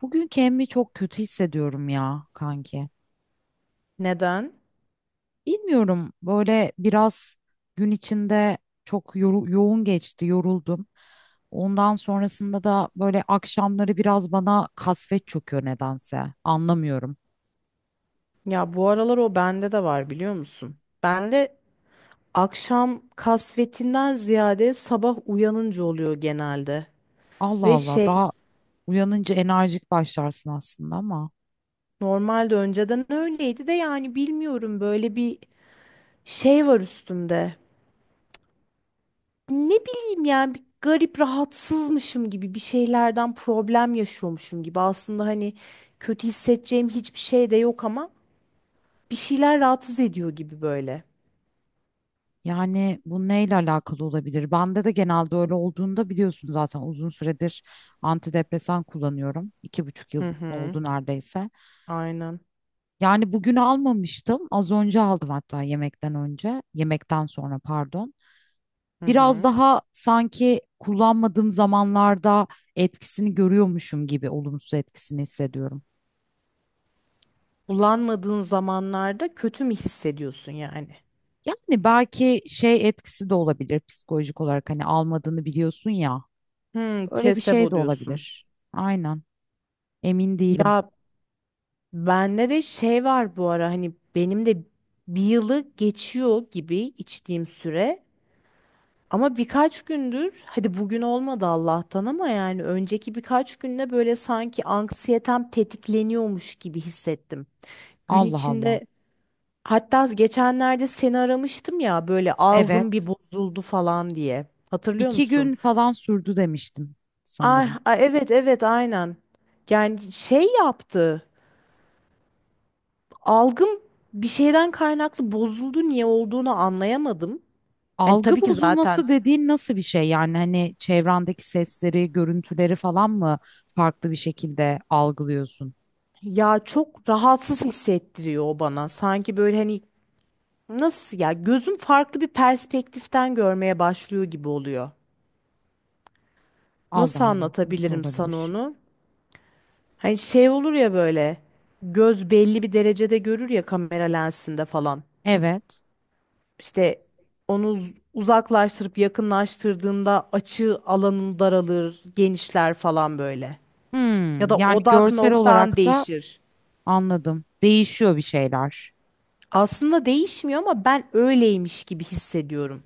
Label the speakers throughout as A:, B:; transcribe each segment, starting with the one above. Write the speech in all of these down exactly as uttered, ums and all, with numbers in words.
A: Bugün kendimi çok kötü hissediyorum ya kanki.
B: Neden?
A: Bilmiyorum böyle biraz gün içinde çok yoru- yoğun geçti, yoruldum. Ondan sonrasında da böyle akşamları biraz bana kasvet çöküyor nedense. Anlamıyorum.
B: Ya bu aralar o bende de var biliyor musun? Bende akşam kasvetinden ziyade sabah uyanınca oluyor genelde.
A: Allah
B: Ve
A: Allah
B: şey
A: daha uyanınca enerjik başlarsın aslında ama
B: normalde önceden öyleydi de yani bilmiyorum böyle bir şey var üstümde. Ne bileyim yani bir garip rahatsızmışım gibi bir şeylerden problem yaşıyormuşum gibi. Aslında hani kötü hissedeceğim hiçbir şey de yok ama bir şeyler rahatsız ediyor gibi böyle.
A: yani bu neyle alakalı olabilir? Bende de genelde öyle olduğunda biliyorsun zaten uzun süredir antidepresan kullanıyorum. İki buçuk yıl
B: Hı hı.
A: oldu neredeyse.
B: Aynen.
A: Yani bugün almamıştım. Az önce aldım hatta yemekten önce. Yemekten sonra pardon.
B: Hı
A: Biraz
B: hı.
A: daha sanki kullanmadığım zamanlarda etkisini görüyormuşum gibi olumsuz etkisini hissediyorum.
B: Kullanmadığın zamanlarda kötü mü hissediyorsun yani?
A: Yani belki şey etkisi de olabilir psikolojik olarak hani almadığını biliyorsun ya.
B: Hmm,
A: Öyle bir şey
B: plasebo
A: de
B: diyorsun.
A: olabilir. Aynen. Emin değilim.
B: Ya bende de şey var bu ara hani benim de bir yılı geçiyor gibi içtiğim süre. Ama birkaç gündür hadi bugün olmadı Allah'tan ama yani önceki birkaç günde böyle sanki anksiyetem tetikleniyormuş gibi hissettim. Gün
A: Allah Allah.
B: içinde hatta geçenlerde seni aramıştım ya böyle algım bir
A: Evet.
B: bozuldu falan diye. Hatırlıyor
A: İki
B: musun?
A: gün falan sürdü demiştim
B: Ay,
A: sanırım.
B: ay evet evet aynen. Yani şey yaptı. Algım bir şeyden kaynaklı bozuldu niye olduğunu anlayamadım. Hani
A: Algı
B: tabii ki zaten
A: bozulması dediğin nasıl bir şey? Yani hani çevrendeki sesleri, görüntüleri falan mı farklı bir şekilde algılıyorsun?
B: ya çok rahatsız hissettiriyor o bana. Sanki böyle hani nasıl ya gözüm farklı bir perspektiften görmeye başlıyor gibi oluyor.
A: Allah
B: Nasıl
A: Allah, nasıl
B: anlatabilirim sana
A: olabilir?
B: onu? Hani şey olur ya böyle göz belli bir derecede görür ya kamera lensinde falan.
A: Evet.
B: İşte onu uz- uzaklaştırıp yakınlaştırdığında açı alanın daralır, genişler falan böyle. Ya
A: Hmm,
B: da
A: yani
B: odak
A: görsel
B: noktan
A: olarak da
B: değişir.
A: anladım. Değişiyor bir şeyler.
B: Aslında değişmiyor ama ben öyleymiş gibi hissediyorum.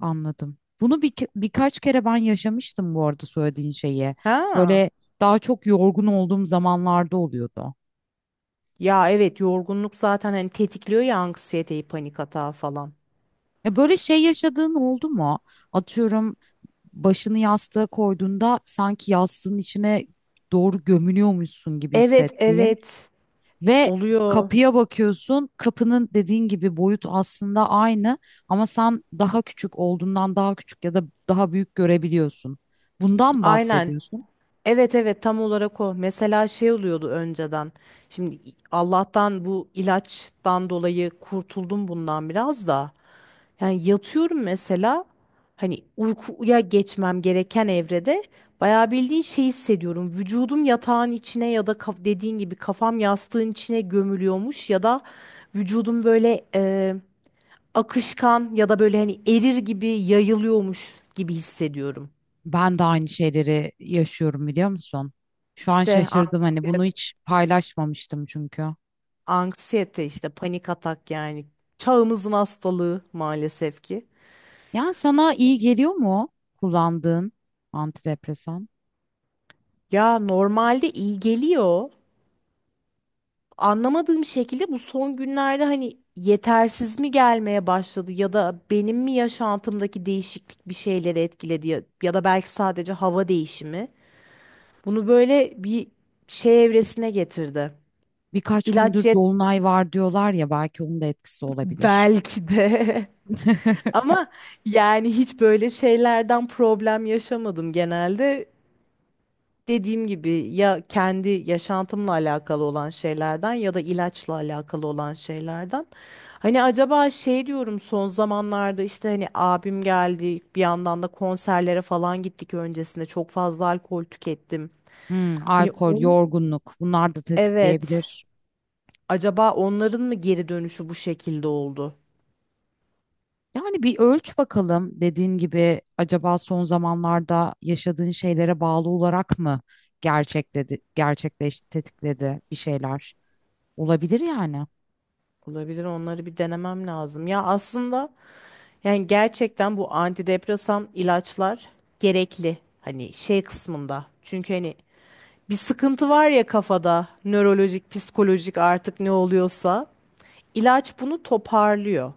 A: Anladım. Bunu bir, birkaç kere ben yaşamıştım bu arada söylediğin şeyi.
B: Ha.
A: Böyle daha çok yorgun olduğum zamanlarda oluyordu.
B: Ya evet yorgunluk zaten hani tetikliyor ya anksiyeteyi, panik atağı falan.
A: E böyle şey yaşadığın oldu mu? Atıyorum başını yastığa koyduğunda sanki yastığın içine doğru gömülüyormuşsun gibi
B: Evet
A: hissettiğin
B: evet,
A: ve
B: oluyor.
A: kapıya bakıyorsun. Kapının dediğin gibi boyut aslında aynı ama sen daha küçük olduğundan daha küçük ya da daha büyük görebiliyorsun. Bundan
B: Aynen.
A: bahsediyorsun?
B: Evet evet, tam olarak o. Mesela şey oluyordu önceden. Şimdi Allah'tan bu ilaçtan dolayı kurtuldum bundan biraz da. Yani yatıyorum mesela hani uykuya geçmem gereken evrede bayağı bildiğin şey hissediyorum. Vücudum yatağın içine ya da kaf- dediğin gibi kafam yastığın içine gömülüyormuş ya da vücudum böyle e, akışkan ya da böyle hani erir gibi yayılıyormuş gibi hissediyorum.
A: Ben de aynı şeyleri yaşıyorum biliyor musun? Şu an
B: İşte
A: şaşırdım hani bunu
B: antibiyotik,
A: hiç paylaşmamıştım çünkü.
B: anksiyete işte panik atak yani çağımızın hastalığı maalesef ki.
A: Yani sana iyi geliyor mu kullandığın antidepresan?
B: Ya normalde iyi geliyor. Anlamadığım şekilde bu son günlerde hani yetersiz mi gelmeye başladı ya da benim mi yaşantımdaki değişiklik bir şeyleri etkiledi ya, ya da belki sadece hava değişimi. Bunu böyle bir şey evresine getirdi.
A: Birkaç
B: İlaç
A: gündür
B: yet,
A: dolunay var diyorlar ya belki onun da etkisi olabilir.
B: belki de ama yani hiç böyle şeylerden problem yaşamadım genelde. Dediğim gibi ya kendi yaşantımla alakalı olan şeylerden ya da ilaçla alakalı olan şeylerden. Hani acaba şey diyorum son zamanlarda işte hani abim geldi bir yandan da konserlere falan gittik öncesinde çok fazla alkol tükettim.
A: Hmm,
B: Hani
A: alkol,
B: onun
A: yorgunluk bunlar da
B: evet,
A: tetikleyebilir.
B: acaba onların mı geri dönüşü bu şekilde oldu?
A: Yani bir ölç bakalım dediğin gibi acaba son zamanlarda yaşadığın şeylere bağlı olarak mı gerçekledi, gerçekleşti, tetikledi bir şeyler? Olabilir yani.
B: Olabilir, onları bir denemem lazım. Ya aslında yani gerçekten bu antidepresan ilaçlar gerekli hani şey kısmında. Çünkü hani bir sıkıntı var ya kafada, nörolojik, psikolojik artık ne oluyorsa, ilaç bunu toparlıyor.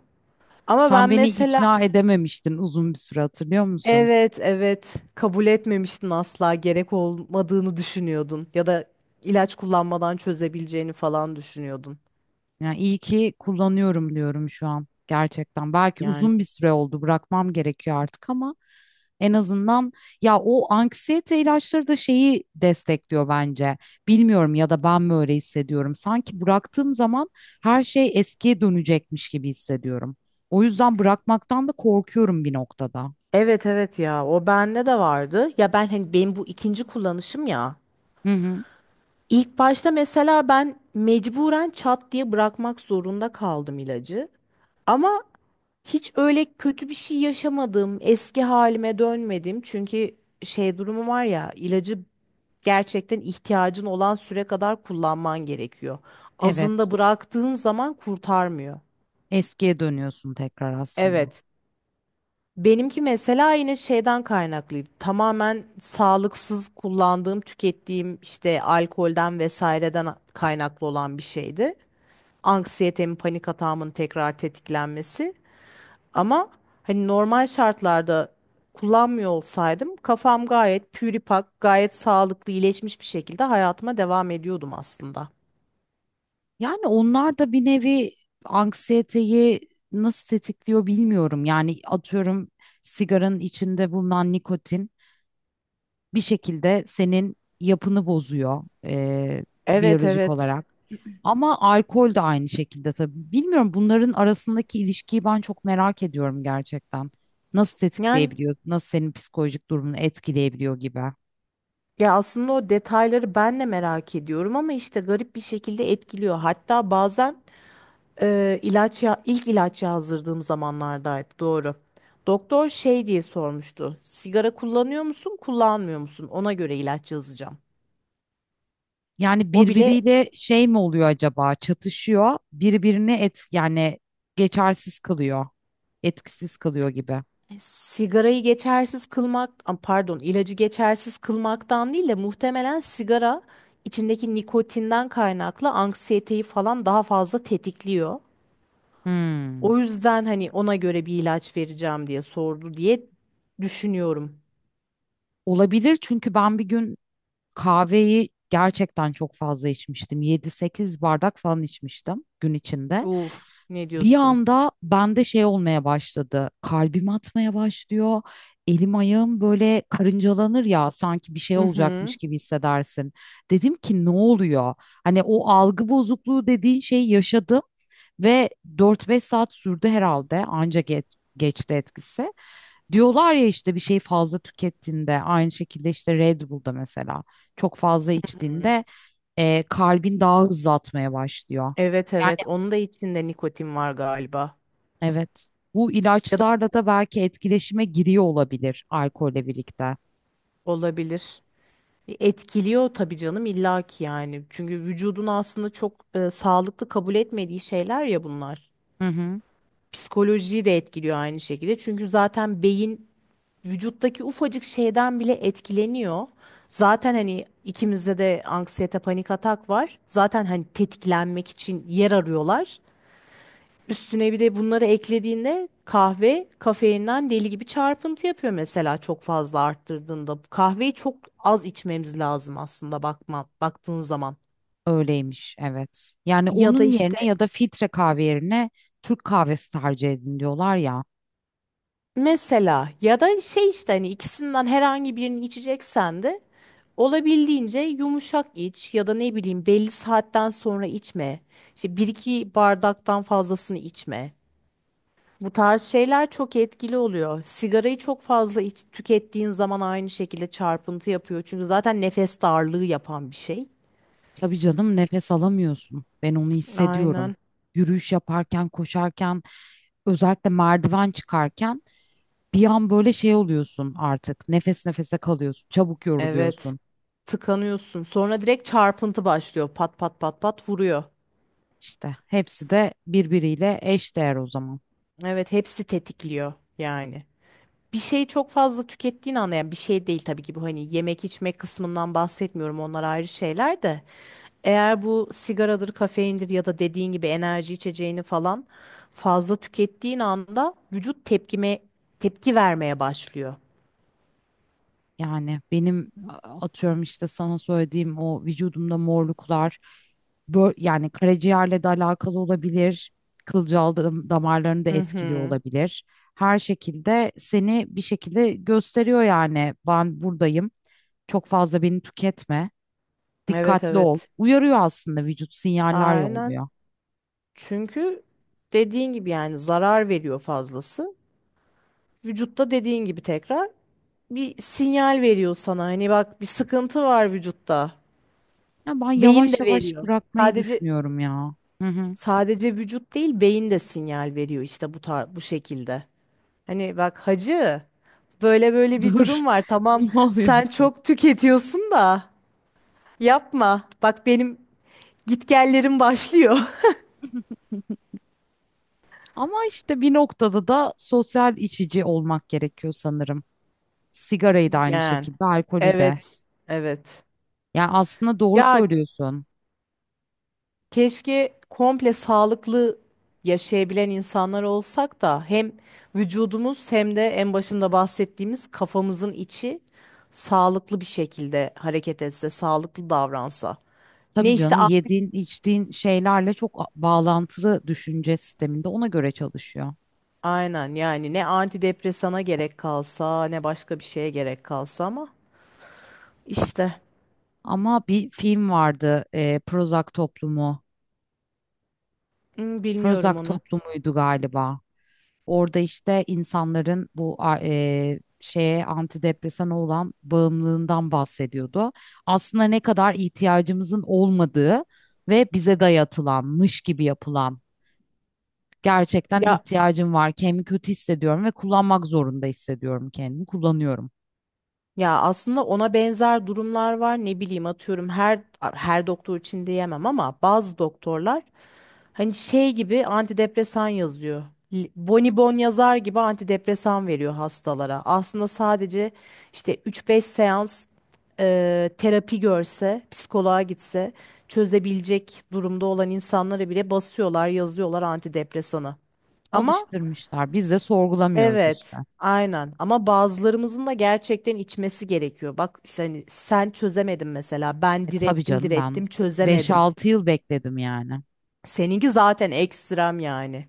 B: Ama
A: Sen
B: ben
A: beni
B: mesela
A: ikna edememiştin uzun bir süre hatırlıyor musun?
B: evet evet, kabul etmemiştin asla gerek olmadığını düşünüyordun ya da ilaç kullanmadan çözebileceğini falan düşünüyordun.
A: Yani iyi ki kullanıyorum diyorum şu an gerçekten. Belki
B: Yani
A: uzun bir süre oldu bırakmam gerekiyor artık ama en azından ya o anksiyete ilaçları da şeyi destekliyor bence. Bilmiyorum ya da ben mi öyle hissediyorum. Sanki bıraktığım zaman her şey eskiye dönecekmiş gibi hissediyorum. O yüzden bırakmaktan da korkuyorum bir noktada.
B: evet evet, ya o bende de vardı. Ya ben hani benim bu ikinci kullanışım ya.
A: Hı hı.
B: İlk başta mesela ben mecburen çat diye bırakmak zorunda kaldım ilacı. Ama hiç öyle kötü bir şey yaşamadım. Eski halime dönmedim. Çünkü şey durumu var ya, ilacı gerçekten ihtiyacın olan süre kadar kullanman gerekiyor.
A: Evet.
B: Azında bıraktığın zaman kurtarmıyor.
A: Eskiye dönüyorsun tekrar aslında.
B: Evet. Benimki mesela yine şeyden kaynaklıydı. Tamamen sağlıksız kullandığım, tükettiğim işte alkolden vesaireden kaynaklı olan bir şeydi. Anksiyetemi, panik atağımın tekrar tetiklenmesi. Ama hani normal şartlarda kullanmıyor olsaydım kafam gayet püripak, gayet sağlıklı, iyileşmiş bir şekilde hayatıma devam ediyordum aslında.
A: Yani onlar da bir nevi anksiyeteyi nasıl tetikliyor bilmiyorum. Yani atıyorum sigaranın içinde bulunan nikotin bir şekilde senin yapını bozuyor e,
B: Evet
A: biyolojik
B: evet.
A: olarak. Ama alkol de aynı şekilde tabii. Bilmiyorum bunların arasındaki ilişkiyi ben çok merak ediyorum gerçekten. Nasıl
B: Yani
A: tetikleyebiliyor, nasıl senin psikolojik durumunu etkileyebiliyor gibi.
B: ya aslında o detayları ben de merak ediyorum ama işte garip bir şekilde etkiliyor. Hatta bazen e, ilaç ya ilk ilaç yazdırdığım zamanlardaydı doğru. Doktor şey diye sormuştu. Sigara kullanıyor musun, kullanmıyor musun? Ona göre ilaç yazacağım.
A: Yani
B: O bile
A: birbiriyle şey mi oluyor acaba? Çatışıyor. Birbirini et yani geçersiz kılıyor. Etkisiz kılıyor gibi.
B: E, sigarayı geçersiz kılmak, am, pardon, ilacı geçersiz kılmaktan değil de muhtemelen sigara içindeki nikotinden kaynaklı anksiyeteyi falan daha fazla tetikliyor.
A: Hmm.
B: O yüzden hani ona göre bir ilaç vereceğim diye sordu diye düşünüyorum.
A: Olabilir çünkü ben bir gün kahveyi gerçekten çok fazla içmiştim. Yedi sekiz bardak falan içmiştim gün içinde.
B: Uf, ne
A: Bir
B: diyorsun?
A: anda bende şey olmaya başladı. Kalbim atmaya başlıyor. Elim ayağım böyle karıncalanır ya sanki bir şey
B: Hı hı.
A: olacakmış gibi hissedersin. Dedim ki ne oluyor? Hani o algı bozukluğu dediğin şeyi yaşadım ve dört beş saat sürdü herhalde anca geç, geçti etkisi. Diyorlar ya işte bir şey fazla tükettiğinde aynı şekilde işte Red Bull'da mesela çok fazla içtiğinde e, kalbin daha hızlı atmaya başlıyor.
B: Evet
A: Yani
B: evet, onun da içinde nikotin var galiba.
A: evet. Bu
B: Ya da
A: ilaçlarla da belki etkileşime giriyor olabilir alkolle birlikte.
B: olabilir. E, Etkiliyor tabii canım illaki yani. Çünkü vücudun aslında çok e, sağlıklı kabul etmediği şeyler ya bunlar.
A: Hı hı.
B: Psikolojiyi de etkiliyor aynı şekilde. Çünkü zaten beyin vücuttaki ufacık şeyden bile etkileniyor. Zaten hani ikimizde de anksiyete panik atak var. Zaten hani tetiklenmek için yer arıyorlar. Üstüne bir de bunları eklediğinde kahve kafeinden deli gibi çarpıntı yapıyor mesela çok fazla arttırdığında. Kahveyi çok az içmemiz lazım aslında bakma baktığın zaman.
A: Öyleymiş, evet. Yani
B: Ya da
A: onun yerine
B: işte
A: ya da filtre kahve yerine Türk kahvesi tercih edin diyorlar ya.
B: mesela ya da şey işte hani ikisinden herhangi birini içeceksen de olabildiğince yumuşak iç ya da ne bileyim belli saatten sonra içme. İşte bir iki bardaktan fazlasını içme. Bu tarz şeyler çok etkili oluyor. Sigarayı çok fazla iç, tükettiğin zaman aynı şekilde çarpıntı yapıyor. Çünkü zaten nefes darlığı yapan bir şey.
A: Tabii canım nefes alamıyorsun. Ben onu hissediyorum.
B: Aynen.
A: Yürüyüş yaparken, koşarken, özellikle merdiven çıkarken bir an böyle şey oluyorsun artık. Nefes nefese kalıyorsun, çabuk
B: Evet.
A: yoruluyorsun.
B: Tıkanıyorsun. Sonra direkt çarpıntı başlıyor. Pat pat pat pat vuruyor.
A: İşte hepsi de birbiriyle eşdeğer o zaman.
B: Evet, hepsi tetikliyor yani. Bir şeyi çok fazla tükettiğin anda yani bir şey değil tabii ki bu hani yemek içme kısmından bahsetmiyorum onlar ayrı şeyler de eğer bu sigaradır kafeindir ya da dediğin gibi enerji içeceğini falan fazla tükettiğin anda vücut tepkime tepki vermeye başlıyor.
A: Yani benim a- atıyorum işte sana söylediğim o vücudumda morluklar bö- yani karaciğerle de alakalı olabilir. Kılcal dam- damarlarını da
B: Hı
A: etkiliyor
B: hı.
A: olabilir. Her şekilde seni bir şekilde gösteriyor yani ben buradayım. Çok fazla beni tüketme.
B: Evet
A: Dikkatli ol.
B: evet.
A: Uyarıyor aslında vücut sinyaller
B: Aynen.
A: yolluyor.
B: Çünkü dediğin gibi yani zarar veriyor fazlası. Vücutta dediğin gibi tekrar bir sinyal veriyor sana. Hani bak bir sıkıntı var vücutta.
A: Ya ben
B: Beyin
A: yavaş
B: de
A: yavaş
B: veriyor.
A: bırakmayı
B: Sadece
A: düşünüyorum ya. Hı hı.
B: sadece vücut değil, beyin de sinyal veriyor işte bu tar bu şekilde. Hani bak hacı böyle böyle bir
A: Dur.
B: durum var. Tamam
A: Ne
B: sen
A: oluyorsun?
B: çok tüketiyorsun da yapma. Bak benim gitgellerim başlıyor.
A: Ama işte bir noktada da sosyal içici olmak gerekiyor sanırım. Sigarayı da aynı
B: Yani
A: şekilde, alkolü de.
B: evet evet.
A: Yani aslında doğru
B: Ya
A: söylüyorsun.
B: keşke komple sağlıklı yaşayabilen insanlar olsak da hem vücudumuz hem de en başında bahsettiğimiz kafamızın içi sağlıklı bir şekilde hareket etse, sağlıklı davransa. Ne
A: Tabii
B: işte
A: canım
B: a-
A: yediğin, içtiğin şeylerle çok a- bağlantılı düşünce sisteminde ona göre çalışıyor.
B: aynen yani ne antidepresana gerek kalsa ne başka bir şeye gerek kalsa ama işte
A: Ama bir film vardı, e, Prozac Toplumu.
B: hmm, bilmiyorum
A: Prozac
B: onu.
A: Toplumu'ydu galiba. Orada işte insanların bu a- e, şeye antidepresana olan bağımlılığından bahsediyordu. Aslında ne kadar ihtiyacımızın olmadığı ve bize dayatılanmış gibi yapılan gerçekten
B: Ya
A: ihtiyacım var, kendimi kötü hissediyorum ve kullanmak zorunda hissediyorum kendimi, kullanıyorum.
B: Ya aslında ona benzer durumlar var. Ne bileyim atıyorum her her doktor için diyemem ama bazı doktorlar hani şey gibi antidepresan yazıyor. L- Bonibon yazar gibi antidepresan veriyor hastalara. Aslında sadece işte üç beş seans e, terapi görse, psikoloğa gitse çözebilecek durumda olan insanlara bile basıyorlar, yazıyorlar antidepresanı. Ama
A: Alıştırmışlar. Biz de sorgulamıyoruz işte.
B: evet, aynen. Ama bazılarımızın da gerçekten içmesi gerekiyor. Bak işte hani sen çözemedin mesela.
A: E,
B: Ben
A: tabii
B: direttim,
A: canım ben
B: direttim,
A: beş
B: çözemedim.
A: altı yıl bekledim yani.
B: Seninki zaten ekstrem yani.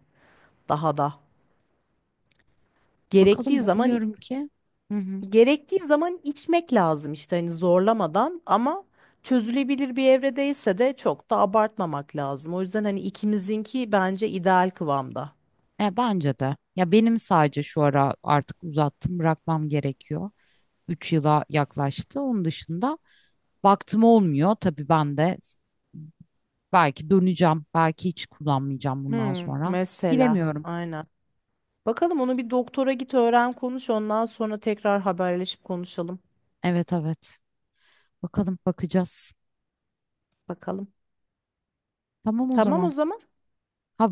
B: Daha da. Gerektiği
A: Bakalım
B: zaman
A: umuyorum ki. Hı hı.
B: gerektiği zaman içmek lazım işte hani zorlamadan ama çözülebilir bir evredeyse de çok da abartmamak lazım. O yüzden hani ikimizinki bence ideal kıvamda.
A: E, bence de. Ya benim sadece şu ara artık uzattım bırakmam gerekiyor. Üç yıla yaklaştı. Onun dışında baktım olmuyor. Tabii ben de s- belki döneceğim. Belki hiç kullanmayacağım bundan
B: Hmm,
A: sonra.
B: mesela.
A: Bilemiyorum.
B: Aynen. Bakalım, onu bir doktora git öğren konuş ondan sonra tekrar haberleşip konuşalım.
A: Evet evet. Bakalım bakacağız.
B: Bakalım.
A: Tamam o
B: Tamam o
A: zaman.
B: zaman.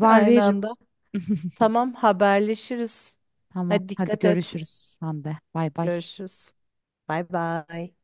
B: Aynı
A: veririm.
B: anda. Tamam haberleşiriz.
A: Tamam.
B: Hadi
A: Hadi
B: dikkat et.
A: görüşürüz. Sen de. Bay bay.
B: Görüşürüz. Bay bay.